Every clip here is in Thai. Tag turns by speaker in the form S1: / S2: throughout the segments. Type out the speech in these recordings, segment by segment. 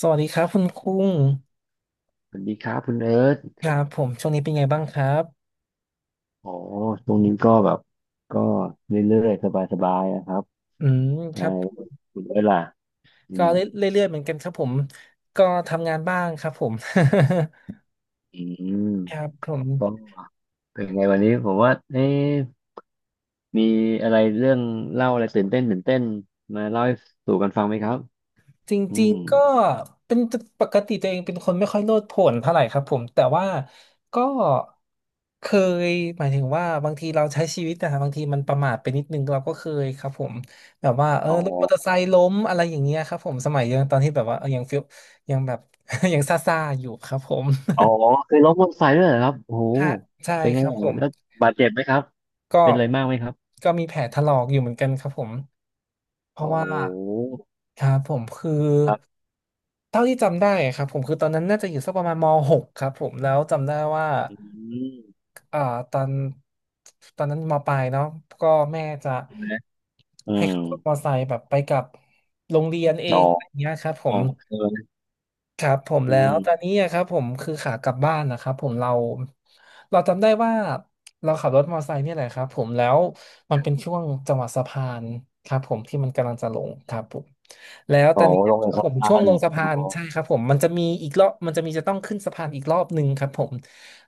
S1: สวัสดีครับคุณคุ้ง
S2: สวัสดีครับคุณเอิร์ธ
S1: ครับผมช่วงนี้เป็นไงบ้างครับ
S2: อ๋อช่วงนี้ก็แบบก็เรื่อยๆสบายๆนะครับ
S1: อืมค
S2: ใช่
S1: รับ
S2: คุณเอิร์ธล่ะอื
S1: ก็
S2: ม
S1: เรื่อยๆเหมือนกันครับผมก็ทำงานบ้างครับผม
S2: อืม
S1: ครับผม
S2: ก็เป็นไงวันนี้ผมว่าเอ๊ะมีอะไรเรื่องเล่าอะไรตื่นเต้นมาเล่าให้สู่กันฟังไหมครับ
S1: จ
S2: อื
S1: ริง
S2: ม
S1: ๆก็เป็นปกติตัวเองเป็นคนไม่ค่อยโลดโผนเท่าไหร่ครับผมแต่ว่าก็เคยหมายถึงว่าบางทีเราใช้ชีวิตนะครับบางทีมันประมาทไปนิดนึงเราก็เคยครับผมแบบว่า
S2: อ๋
S1: รถมอเตอร์ไซ
S2: อ
S1: ค์ล้มอะไรอย่างเงี้ยครับผมสมัยยังตอนที่แบบว่ายังฟิลยังแบบ ยังซ่าๆอยู่ครับผม
S2: อ๋อเคยล้มมอเตอร์ไซค์ด้วยเหรอครับโอ้โห
S1: ค่ะใช่
S2: เป็นไง
S1: ครับผ
S2: อ่ะ
S1: ม
S2: แล้วบาดเจ็บไหมครับ
S1: ก็
S2: เป็นอะไรมากไหมครับ
S1: ก็มีแผลถลอกอยู่เหมือนกันครับผมเพราะ
S2: โอ้โห
S1: ว่าครับผมคือ
S2: ครับ
S1: เท่าที่จำได้ครับผมคือตอนนั้นน่าจะอยู่สักประมาณม .6 ครับผมแล้วจำได้ว่า
S2: อืม
S1: เอ่อตอนตอนนั้นมปลายเนาะก็แม่จะ
S2: ใช่ไหมอื
S1: ให้
S2: ม
S1: ขับรถมอเตอร์ไซค์แบบไปกับโรงเรียนเอ
S2: อ๋อ
S1: งอะไรเงี้ยครับผ
S2: อ๋อ
S1: ม
S2: ใช่ไหม
S1: ครับผม
S2: อื
S1: แล้วตอน
S2: ม
S1: นี้อะครับผมคือขากลับบ้านนะครับผมเราเราจำได้ว่าเราขับรถมอเตอร์ไซค์เนี่ยแหละครับผมแล้วมันเป็นช่วงจังหวะสะพานครับผมที่มันกำลังจะลงครับผมแล้ว
S2: อ๋
S1: ตอ
S2: อ
S1: นนี้
S2: ลงเอ
S1: ค
S2: ก
S1: รับ
S2: สะ
S1: ผม
S2: พา
S1: ช่วง
S2: ร
S1: ลงสะ
S2: อ
S1: พาน
S2: ๋
S1: ใช่
S2: อ
S1: ครับผมมันจะมีอีกรอบมันจะมีจะต้องขึ้นสะพานอีกรอบหนึ่งครับผม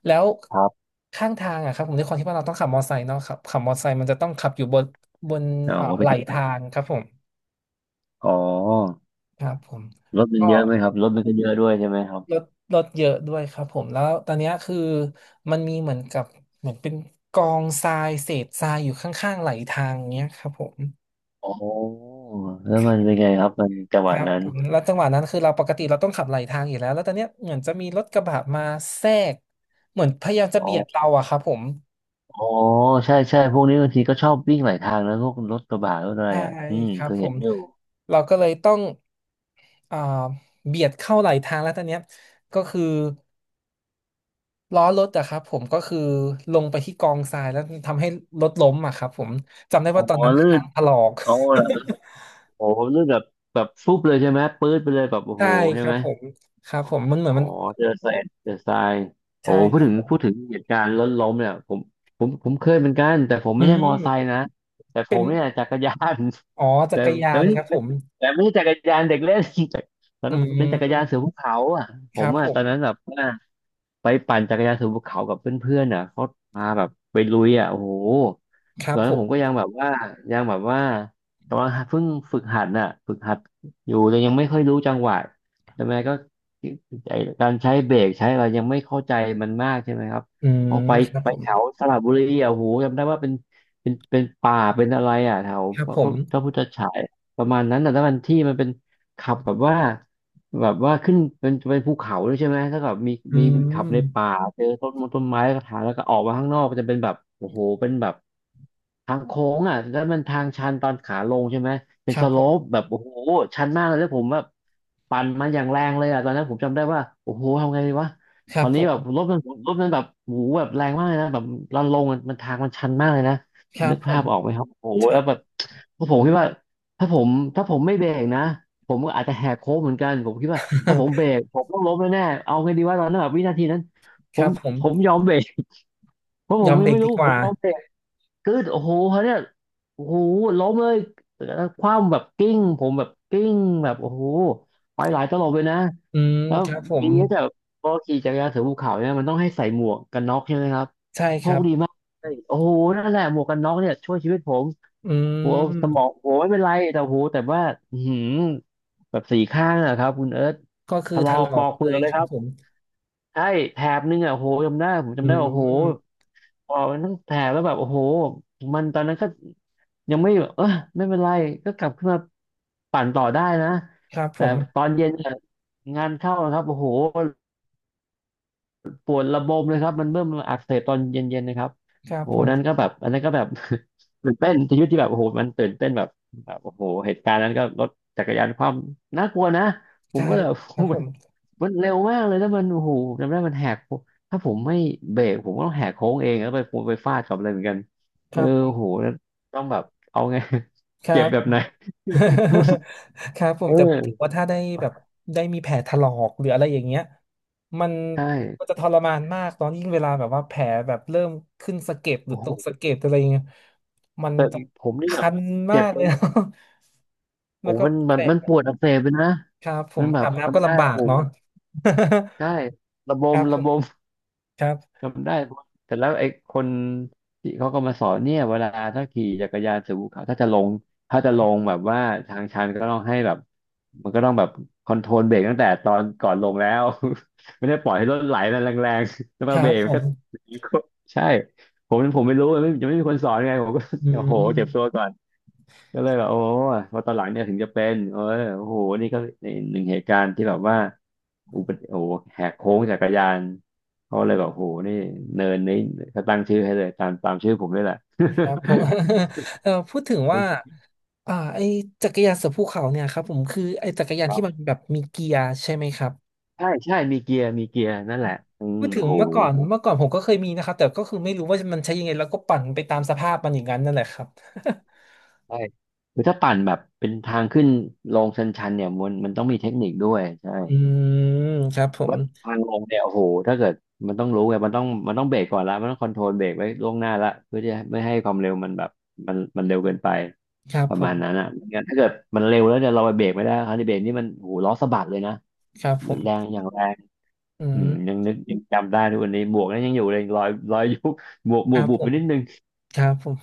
S1: แล้ว
S2: ครับ
S1: ข้างทางอะครับผมด้วยความที่ว่าเราต้องขับมอเตอร์ไซค์เนาะครับขับมอเตอร์ไซค์มันจะต้องขับอยู่บนบน
S2: อ๋อ
S1: ไห
S2: เป็
S1: ล
S2: นยังไงครั
S1: ทา
S2: บ
S1: งครับผม
S2: อ๋อ
S1: ครับผม
S2: รถมัน
S1: ก็
S2: เยอะไหมครับ รถมันก็เยอะด้วยใช่ไหมครับ
S1: ลดลดเยอะด้วยครับผมแล้วตอนเนี้ยคือมันมีเหมือนกับเหมือนเป็นกองทรายเศษทรายอยู่ข้างๆไหลทางเงี้ยครับผม
S2: อ๋อแล้วมันเป็นไงครับ มันจังห
S1: ค
S2: วะ
S1: รับ
S2: นั้น
S1: ผมแล้วจังหวะนั้นคือเราปกติเราต้องขับไหลทางอยู่แล้วแล้วตอนเนี้ยเหมือนจะมีรถกระบะมาแทรกเหมือนพยายามจะ
S2: อ๋
S1: เบียดเรา
S2: อ
S1: อะครับผม
S2: อ๋อใช่ใช่พวกนี้บางทีก็ชอบวิ่งหลายทางนะพวกรถกระบะรถอะไร
S1: ใช่
S2: อ่ะอืม
S1: ครั
S2: เค
S1: บ
S2: ย
S1: ผ
S2: เห็น
S1: ม
S2: อยู่
S1: เราก็เลยต้องอ่าเบียดเข้าไหลทางแล้วตอนเนี้ยก็คือ ล้อรถอะครับผมก็คือลงไปที่กองทรายแล้วทำให้รถล้มอะครับผมจำได้
S2: อ๋อ
S1: ว่าตอนนั้น
S2: ลื่
S1: คา
S2: น
S1: งถลอก
S2: อ๋อเหรอโอ้โหลื่นแบบแบบฟุบเลยใช่ไหมปื๊ดไปเลยแบบโอ้
S1: ใช่
S2: โหใช่
S1: ครั
S2: ไหม
S1: บผมครับผมมันเหมือน
S2: อ๋อ
S1: มัน
S2: เจอทรายเจอทรายโอ้
S1: ใช่
S2: พู
S1: ค
S2: ด
S1: รั
S2: ถึง
S1: บ
S2: พูดถึงเหตุการณ์ล้นล้มเนี่ยผมเคยเหมือนกันแต่ผม
S1: อื
S2: ไม่ได้มอไซค์
S1: ม
S2: นะแต่ผมเนี่ยจักรยาน
S1: อ๋อ จั
S2: แต่
S1: กร
S2: แต่
S1: ยาน
S2: ไม่ได้
S1: ครับผม
S2: แต่ไม่ใช่จักรยานเด็กเล่น แต่ตอน
S1: อื
S2: นั้นเป็นจักรยาน
S1: ม
S2: เสือภูเขาอ่ะผ
S1: ครั
S2: ม
S1: บผ
S2: อ่ะตอนนั้น
S1: ม
S2: แบบว่าไปปั่นจักรยานเสือภูเขากับเพื่อนๆอ่ะเขาพาแบบไปลุยอ่ะโอ้โห
S1: ค
S2: ต
S1: รั
S2: อ
S1: บ
S2: น
S1: ผ
S2: นั้นผ
S1: ม
S2: มก็ยังแบบว่ายังแบบว่าแต่ว่าเพิ่งฝึกหัดน่ะฝึกหัดอยู่แต่ยังไม่ค่อยรู้จังหวะใช่ไหมก็ไอ้การใช้เบรกใช้อะไรยังไม่เข้าใจมันมากใช่ไหมครับ
S1: อืม
S2: ก็ไป
S1: ครับ
S2: ไป
S1: ผม
S2: แถวสระบุรีอ่ะโหจำได้ว่าเป็นป่าเป็นอะไรอ่ะแถว
S1: ครับ
S2: พระ
S1: ผม
S2: พระพุทธฉายประมาณนั้นแต่ะถ้ามันที่มันเป็นขับแบบว่า แบบว่าขึ้นเป็นภูเขาด้วยใช่ไหมถ้าแบบมี
S1: อื
S2: มีขับใน
S1: ม
S2: ป่าเจอต้นมงต้นไม้แล้วก็ถ่ายแล้วก็ออกมาข้างนอกก็จะเป็นแบบโอ้โหเป็นแบบทางโค้งอ่ะแล้วมันทางชันตอนขาลงใช่ไหมเป็
S1: ค
S2: น
S1: รั
S2: ส
S1: บ
S2: โล
S1: ผม
S2: ปแบบโอ้โหชันมากเลยแล้วผมแบบปั่นมันอย่างแรงเลยอ่ะตอนนั้นผมจำได้ว่าโอ้โหทำไงดีวะ
S1: ค
S2: ต
S1: รั
S2: อ
S1: บ
S2: น
S1: ผ
S2: นี้แบ
S1: ม
S2: บรถมันรถมันแบบโอ้โหแบบแรงมากเลยนะแบบลันลงอะมันทางมันชันมากเลยนะ
S1: ครั
S2: นึ
S1: บ
S2: ก
S1: ผ
S2: ภา
S1: ม
S2: พออกไหมครับโอ้ โห
S1: ใช่
S2: แล้วแบบผมคิดว่าถ้าผมถ้าผมไม่เบรกนะ ผมก็อาจจะแหกโค้งเหมือนกัน ผมคิดว่าถ้าผมเบ รกผมต้องล้มแน่ๆเอาไงดีว่าตอนนั้นแบบวินาทีนั้นผ
S1: ครั
S2: ม
S1: บผม
S2: ผมยอมเบรก เพราะผ
S1: ยอ
S2: ม
S1: มเบรก
S2: ไม่
S1: ดี
S2: รู้
S1: ก
S2: ผ
S1: ว่า
S2: มยอมเบรกกึดโอ้โหเขาเนี่ยโอ้โหล้มเลยแล้วคว่ำแบบกิ้งผมแบบกิ้งแบบโอ้โหไปหลายตลบเลยนะ
S1: อืม
S2: แล้ว
S1: ครับผ
S2: มี
S1: ม
S2: เนี้ยแต่พอขี่จักรยานเสือภูเขาเนี่ยมันต้องให้ใส่หมวกกันน็อกใช่ไหมครับ
S1: ใช่ค
S2: โช
S1: รั
S2: ค
S1: บ
S2: ดีมากเลยโอ้โหนั่นแหละหมวกกันน็อกเนี่ยช่วยชีวิตผม
S1: อื
S2: หัวสมอง
S1: ม
S2: หัวไม่เป็นไรแต่หูแต่ว่าอือหือ แบบสี่ข้างอะครับคุณเอิร์ธ
S1: ก็
S2: ถ
S1: คือ
S2: ล
S1: ถ
S2: อก
S1: ล
S2: ป
S1: อ
S2: อ
S1: ก
S2: กเปลื
S1: เล
S2: อ
S1: ย
S2: กเลย
S1: ค
S2: ค
S1: รับ
S2: รับ
S1: ผม
S2: ใช่แถบนึงอะโหจำได้ผม
S1: อื
S2: จำได้ว่าโห
S1: ม
S2: ปอกมันทั้งแถบแล้วแบบโอ้โหมันตอนนั้นก็ยังไม่แบบเออไม่เป็นไร ก็กลับขึ้นมาปั่นต่อได้นะ
S1: ครับผ
S2: แต่
S1: ม
S2: ตอนเย็นเนี่ยงานเข้านะครับโอ้โหปวดระบมเลยครับมันเริ่มอักเสบตอนเย็นๆนะครับ
S1: ครับ
S2: โอ้โห
S1: ผม
S2: นั่นก็แบบอันนั้นก็แบบ ตื่นเต้นชีวิตที่แบบโอ้โหมันตื่นเต้นแบบแบบโอ้โหเหตุการณ์นั้นก็รถจักรยานความน่ากลัวนะผม
S1: ใช่
S2: ก็เลย แบบ
S1: ครับผม
S2: มันเร็วมากเลยแล้วมันโอ้โหจำได้มันแหกโค้งถ้าผมไม่เบรกผมก็ต้องแหกโค้งเองแล้วไปผมไปฟาดกับอะไรเหมือนกัน
S1: ค
S2: เออ
S1: รับผม
S2: โอ้โหแล้วต้องแบบเอาไง
S1: ค รั
S2: เจ็บ
S1: บ
S2: แบบไหน
S1: ครับผ
S2: เอ
S1: มแต่
S2: อ
S1: ถือว่าถ้าได้แบบได้มีแผลถลอกหรืออะไรอย่างเงี้ยมัน
S2: ใช่
S1: มันจะทรมานมากตอนยิ่งเวลาแบบว่าแผลแบบเริ่มขึ้นสะเก็ดหรือ
S2: โอ้โห
S1: ตกสะเก็ดอะไรอย่างเงี้ยมัน
S2: แต่
S1: จะ
S2: ผมนี่แบบ
S1: คัน
S2: เจ็
S1: มา
S2: บ
S1: กเล
S2: เป็
S1: ย
S2: น โอ้
S1: แล้วก็
S2: โหมัน
S1: แผ
S2: มัน
S1: ล
S2: มันปวดอักเสบเลยนะ
S1: ครับผ
S2: มั
S1: ม
S2: นแบ
S1: อา
S2: บ
S1: บน้ำก็
S2: จำได้
S1: ลำบาก
S2: โอ้
S1: เนาะ
S2: โหใช่ระบ
S1: ค
S2: ม
S1: รับผ
S2: ระ
S1: ม
S2: บม
S1: ครับ
S2: จำได้เพราะแต่แล้วไอ้คนที่เขาก็มาสอนเนี่ยเวลาถ้าขี่จักรยานสู่ภูเขาถ้าจะลงแบบว่าทางชันก็ต้องให้แบบมันก็ต้องแบบคอนโทรลเบรกตั้งแต่ตอนก่อนลงแล้ว ไม่ได้ปล่อยให้รถไหลแรงๆแล้ว
S1: ค
S2: มา
S1: รั
S2: เบร
S1: บ
S2: ก
S1: ผ
S2: มันก็
S1: ม
S2: ใช่ผมไม่รู้ไม่ยังไม่มีคนสอนไงผมก็
S1: อื
S2: โอ้โหเจ็บตัว
S1: ม
S2: ก่อน ก็เลยแบบโอ้ยพอตอนหลังเนี่ยถึงจะเป็นโอ้โหนี่ก็หนึ่งเหตุการณ์ที่แบบว่าอุบัติโอ้โหแหกโค้งจักรยานเขาเลยแบบโอ้โหนี่เนินนี้เขาตั้งชื่อให้เลยตามตามชื่อผมนี่แหละ
S1: ครับผม พูดถึงว่า ไอจักรยานเสือภูเขาเนี่ยครับผมคือไอจักรยาน
S2: ครั
S1: ที่มัน
S2: บ
S1: แบบมีเกียร์ใช่ไหมครับ
S2: ใช่ใช่มีเกียร์มีเกียร์นั่นแหละอื
S1: พู
S2: ม
S1: ดถึ
S2: โอ้
S1: ง
S2: โห
S1: เมื่อก่อนเมื่อก่อนผมก็เคยมีนะครับแต่ก็คือไม่รู้ว่ามันใช้ยังไงแล้วก็ปั่นไปตามสภาพมันอย่างนั้นนั่นแหละครับ
S2: ใช่คือถ้าปั่นแบบเป็นทางขึ้นลงชันๆเนี่ยมันต้องมีเทคนิคด้วยใช่
S1: อืมครับผม
S2: ว่าทางลงเนี่ยโอ้โหถ้าเกิดมันต้องรู้ไงมันต้องเบรกก่อนละมันต้องคอนโทรลเบรกไว้ล่วงหน้าละเพื่อที่จะไม่ให้ความเร็วมันแบบมันเร็วเกินไป
S1: ครับ
S2: ประ
S1: ผ
S2: มา
S1: ม
S2: ณนั้นอ่ะไม่งั้นถ้าเกิดมันเร็วแล้วเนี่ยเราไปเบรกไม่ได้คันที่เบรกนี่มันโอ้โหล้อสะบัดเลยนะ
S1: ครับผม
S2: แรงอย่างแรง
S1: อื
S2: อื
S1: ม
S2: มยังนึกยังจำได้ทุกวันนี้หมวกนั้นยังอยู่เลยรอยรอยยุบหมวกห
S1: ค
S2: มว
S1: รั
S2: ก
S1: บ
S2: บุ
S1: ผ
S2: บไป
S1: ม
S2: นิดนึง
S1: ครับผม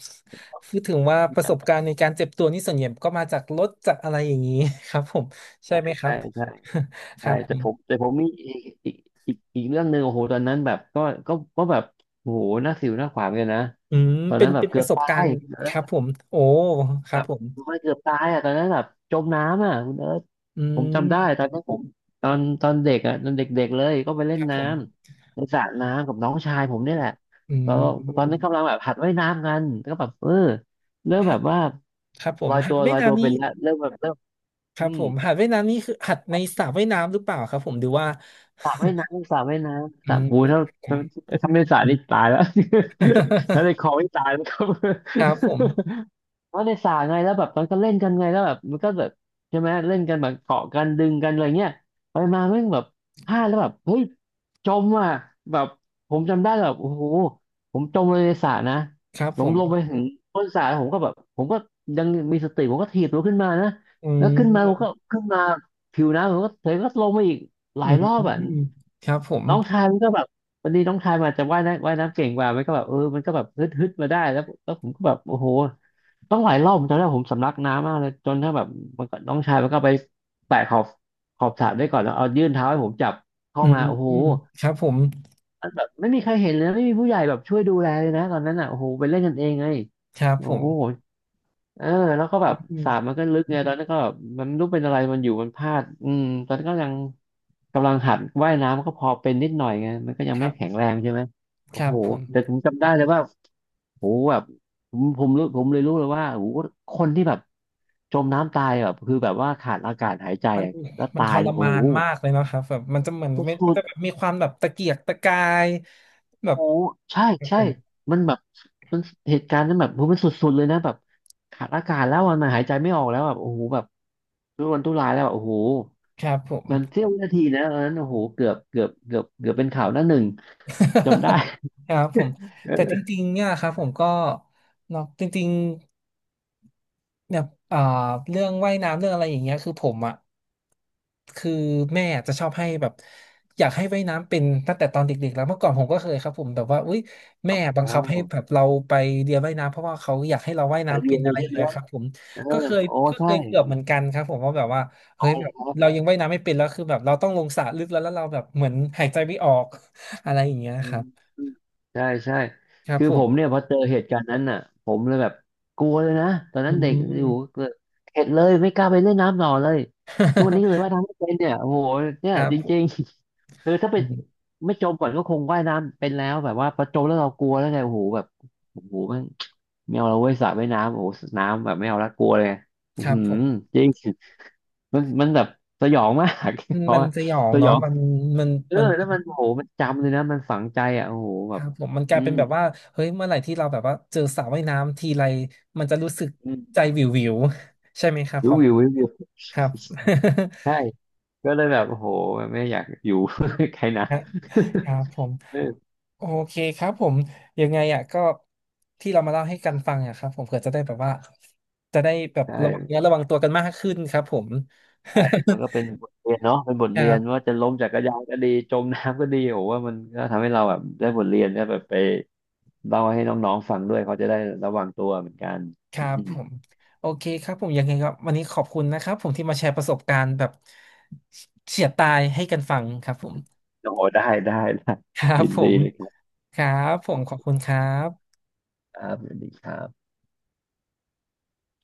S1: พูดถึงว่าประสบการณ์ในการเจ็บตัวนี่ส่วนใหญ่ก็มาจากรถจากอะไรอย่างนี้ ครับผมใช่
S2: ใช่
S1: ไหมครั
S2: ใช่
S1: บ
S2: ใช่
S1: ค
S2: ใช่
S1: รับผ
S2: แต่ผม
S1: ม
S2: แต่ผมมีอีกอีกอีกเรื่องหนึ่งโอ้โหตอนนั้นแบบก็แบบโอ้โหหน้าสิวหน้าขวานกันนะ
S1: อืม
S2: ตอน
S1: เป็
S2: นั้
S1: น
S2: นแบบ
S1: เป็น
S2: เกื
S1: ป
S2: อบ
S1: ระสบ
S2: ตา
S1: กา
S2: ย
S1: รณ์
S2: คุณเอิ
S1: ค
S2: ร์
S1: รับ
S2: ธ
S1: ผมโอ้ค
S2: แบ
S1: รับ
S2: บ
S1: ผม
S2: ไม่าเกือบตายอ่ะตอนนั้นแบบจมน้ำอ่ะคุณเอิร์ธ
S1: อื
S2: ผมจำได้
S1: ม
S2: ตอนนั้นผมตอนเด็กอ่ะตอนเด็กๆเลยก็ไปเล่
S1: ค
S2: น
S1: รับผ
S2: น้
S1: ม
S2: ำในสระน้ำกับน้องชายผมนี่แหละ
S1: อื
S2: ก็ตอนนั้
S1: ม
S2: นกำลังแบบหัดว่ายน้ำกันก็แบบเริ่มแบ
S1: หัด
S2: บว่า
S1: ครับผ
S2: ล
S1: ม
S2: อย
S1: หั
S2: ตั
S1: ด
S2: วล
S1: ว่าย
S2: อยตัว
S1: น้ำนี้
S2: เป็นละเริ่มแบบเริ่ม
S1: ค
S2: อื
S1: รับ
S2: ม
S1: ผมหัดว่ายน้ำนี้คือหัดในสระว่ายน้ำหรือเปล่าครับผมหรือว่า
S2: สระว่ายน้ำ
S1: อื
S2: สระ
S1: ม
S2: อูถ้าถ้าถ้าไม่สระนี่ตายแล้ว ถ้าใน คลองนี่ตายแล้วครับ
S1: ครับผม
S2: ว่าในสระไงแล้วแบบมันก็เล่นกันไงแล้วแบบมันก็แบบใช่ไหมเล่นกันแบบเกาะกันดึงกันอะไรเงี้ยไปมาแม่งแบบพลาดแล้วแบบเฮ้ยจมอ่ะแบบผมจำได้แบบโอ้โหผมจมเลยในสระนะ
S1: ครับ
S2: ผ
S1: ผ
S2: ม
S1: ม
S2: ลงไปถึงก้นสระผมก็ยังมีสติผมก็ถีบตัวขึ้นมานะ
S1: อื
S2: แล้วขึ้นมาผมก็
S1: ม
S2: ขึ้นมาผิวน้ำผมก็เธอก็ลงมาอีกหลา
S1: อื
S2: ยรอบอ่ะ
S1: มครับผม
S2: น้องชายมันก็แบบวันนี้น้องชายมันาจจะว่ายน้ำเก่งกว่ามันก็แบบมันก็แบบฮึดมาได้แล้วแล้วผมก็แบบโอ้โห ต้องหลายรอบผมจำได้ผมสำลักน้ำมากเลยจนถ้าแบบมันก็น้องชายมันก็ไปแตะขอบสระด้วยก่อนแล้วเอายื่นเท้าให้ผมจับเข้า
S1: อื
S2: มา
S1: ม
S2: โอ้โห
S1: ครับผม
S2: มันแบบไม่มีใครเห็นเลยนะไม่มีผู้ใหญ่แบบช่วยดูแลเลยนะตอนนั้นอ่ะโอ้โหไปเล่นกันเองไง
S1: ครับ
S2: โอ้
S1: ผม
S2: โห เออแล้วก็แบ
S1: อื
S2: บสระมัน
S1: ม
S2: ก็ลึกไงตอนนั้นก็แบบมันไม่รู้เป็นอะไรมันอยู่มันพลาดอืมตอนนั้นก็ยังกำลังหัดว่ายน้ำก็พอเป็นนิดหน่อยไงมันก็ยัง
S1: ค
S2: ไม่
S1: รั
S2: แข็ง
S1: บ
S2: แรงใช่ไหม
S1: ค
S2: โอ้
S1: รั
S2: โห
S1: บผม
S2: แต่ผมจำได้เลยว่าโหแบบผมรู้ผมเลยรู้เลยว่าโหคนที่แบบจมน้ำตายแบบคือแบบว่าขาดอากาศหายใจ
S1: มัน
S2: แล้ว
S1: มัน
S2: ตา
S1: ท
S2: ย
S1: ร
S2: เนี่ยโอ้
S1: มาน
S2: โห
S1: มากเลยเนอะครับแบบมันจะเหมือนไม่มันจะ
S2: โค
S1: แบบมีความแบบตะเกียกตะกายแบบ
S2: โอ้ใช่ใช่
S1: ผม
S2: มันแบบมันเหตุการณ์นั้นแบบโหมันสุดๆเลยนะแบบขาดอากาศแล้วอัะนะหายใจไม่ออกแล้วแบบโอ้โหแบบทุรนทุรายแล้วอะโอ้โห
S1: ครับผม
S2: มันเสี้ยววินาทีนะตอนนั้นโอ้โหเกือบเป็นข่าวหน้าหนึ่ง จำได้
S1: ครับผม แต่จ
S2: เออ
S1: ริงๆเนี่ยครับผมก็เนาะจริง เนี่ยอ่าเรื่องว่ายน้ำเรื่องอะไรอย่างเงี้ยคือผมอ่ะคือแม่จะชอบให้แบบอยากให้ว่ายน้ำเป็นตั้งแต่ตอนเด็กๆแล้วเมื่อก่อนผมก็เคยครับผมแบบว่าอุ้ยแม่บัง
S2: อ๋อ
S1: คับให้แบบเราไปเรียนว่ายน้ำเพราะว่าเขาอยากให้เราว่าย
S2: ไป
S1: น้ำ
S2: เรี
S1: เป็
S2: ยน
S1: น
S2: เล
S1: อะ
S2: ย
S1: ไรอ
S2: ใช่
S1: ย่าง
S2: ไหม
S1: เงี้ยครับผม
S2: เอ
S1: ก็
S2: อ
S1: เคย
S2: โอ้
S1: ก็เค
S2: ใช่
S1: ยเกือบเหมือนกันครับผมว่าแบบว่า
S2: อ๋
S1: เฮ้
S2: อ
S1: ยแบ
S2: เหร
S1: บ
S2: อครับ
S1: เรายังว่ายน้ำไม่เป็นแล้วคือแบบเราต้องลงสระลึกแล้วแล้วเราแบบเหมือนหายใจไม่ออก อะไรอย่างเงี้ย
S2: อื
S1: ค
S2: ม
S1: รับ
S2: ใช่ใช่
S1: ครับ
S2: คือ
S1: ผ
S2: ผ
S1: ม
S2: มเนี่ยพอเจอเหตุการณ์นั้นน่ะผมเลยแบบกลัวเลยนะตอน
S1: อื
S2: นั้นเด็กอ
S1: ม
S2: ยู่ก็เข็ดเลยไม่กล้าไปเล่นน้ำต่อเลยทุกวันนี้เลยว่ายน้ำไม่เป็นเนี่ยโอ้โหเนี่
S1: ค
S2: ย
S1: รับ
S2: จ
S1: ผ
S2: ริง
S1: ม
S2: ๆคือถ้าไป
S1: อืม
S2: ไม่จมก่อนก็คงว่ายน้ำเป็นแล้วแบบว่าพอจมแล้วเรากลัวแล้วไงโอ้โหแบบโอ้โหแมันไม่เอาเราเว้ยสระว่ายน้ำโอ้โหน้ำแบบไม่เอาละกลัวเลยอื
S1: ค
S2: อ
S1: รับ
S2: หือ
S1: ผม
S2: จริงมันมันแบบสยองมาก
S1: มั น
S2: เพราะ
S1: มัน
S2: ว่า
S1: สยอง
S2: สย
S1: เนาะ
S2: อง
S1: มันมันมัน
S2: แล้วมันโอ้โหมันจำเลยนะมันฝังใจอ่ะโอ้โห
S1: ค
S2: แบบ
S1: รับผมมันก
S2: อื
S1: ลายเป็
S2: ม
S1: นแบบว่าเฮ้ยเมื่อไหร่ที่เราแบบว่าเจอสระว่ายน้ำทีไรมันจะรู้สึก
S2: อื
S1: ใจ
S2: ม
S1: วิววิว ใช่ไหมครับผ
S2: รู้
S1: ม
S2: วิวรู้วิว
S1: ครับ
S2: ใช่ก็เลยแบบโอ้โหไม่อยากอยู่ ใครนะ
S1: ครับผม
S2: เออ
S1: โอเคครับผมยังไงอ่ะก็ที่เรามาเล่าให้กันฟังอ่ะครับผมเผื่อจะได้แบบว่าจะได้แบบระวัง
S2: ใช่
S1: เนื้อระวังตัวกันมากขึ้นครับผม
S2: ใช่มันก็เป็นบทเรียนเนาะเป็นบท
S1: ครั
S2: เรียน
S1: บ
S2: ว่าจะล้มจักรยานก็ดีจมน้ำก็ดีโอ้ว่ามันก็ทำให้เราแบบได้บทเรียนได้แบบไปเล่าให้น้องๆฟังด้วยเขาจะได้ระวังตัวเหมือนกัน
S1: ครับ
S2: อื
S1: ผ
S2: ม
S1: มโอเคครับผมยังไงครับวันนี้ขอบคุณนะครับผมที่มาแชร์ประสบการณ์แบบเฉียดตายให้กันฟังครับผม
S2: โอ้ได้ได้ได้
S1: ครับ
S2: ยิน
S1: ผ
S2: ดี
S1: ม
S2: เลยครับ
S1: ครับผมขอบคุณครับ
S2: ครับสวัสดีครับ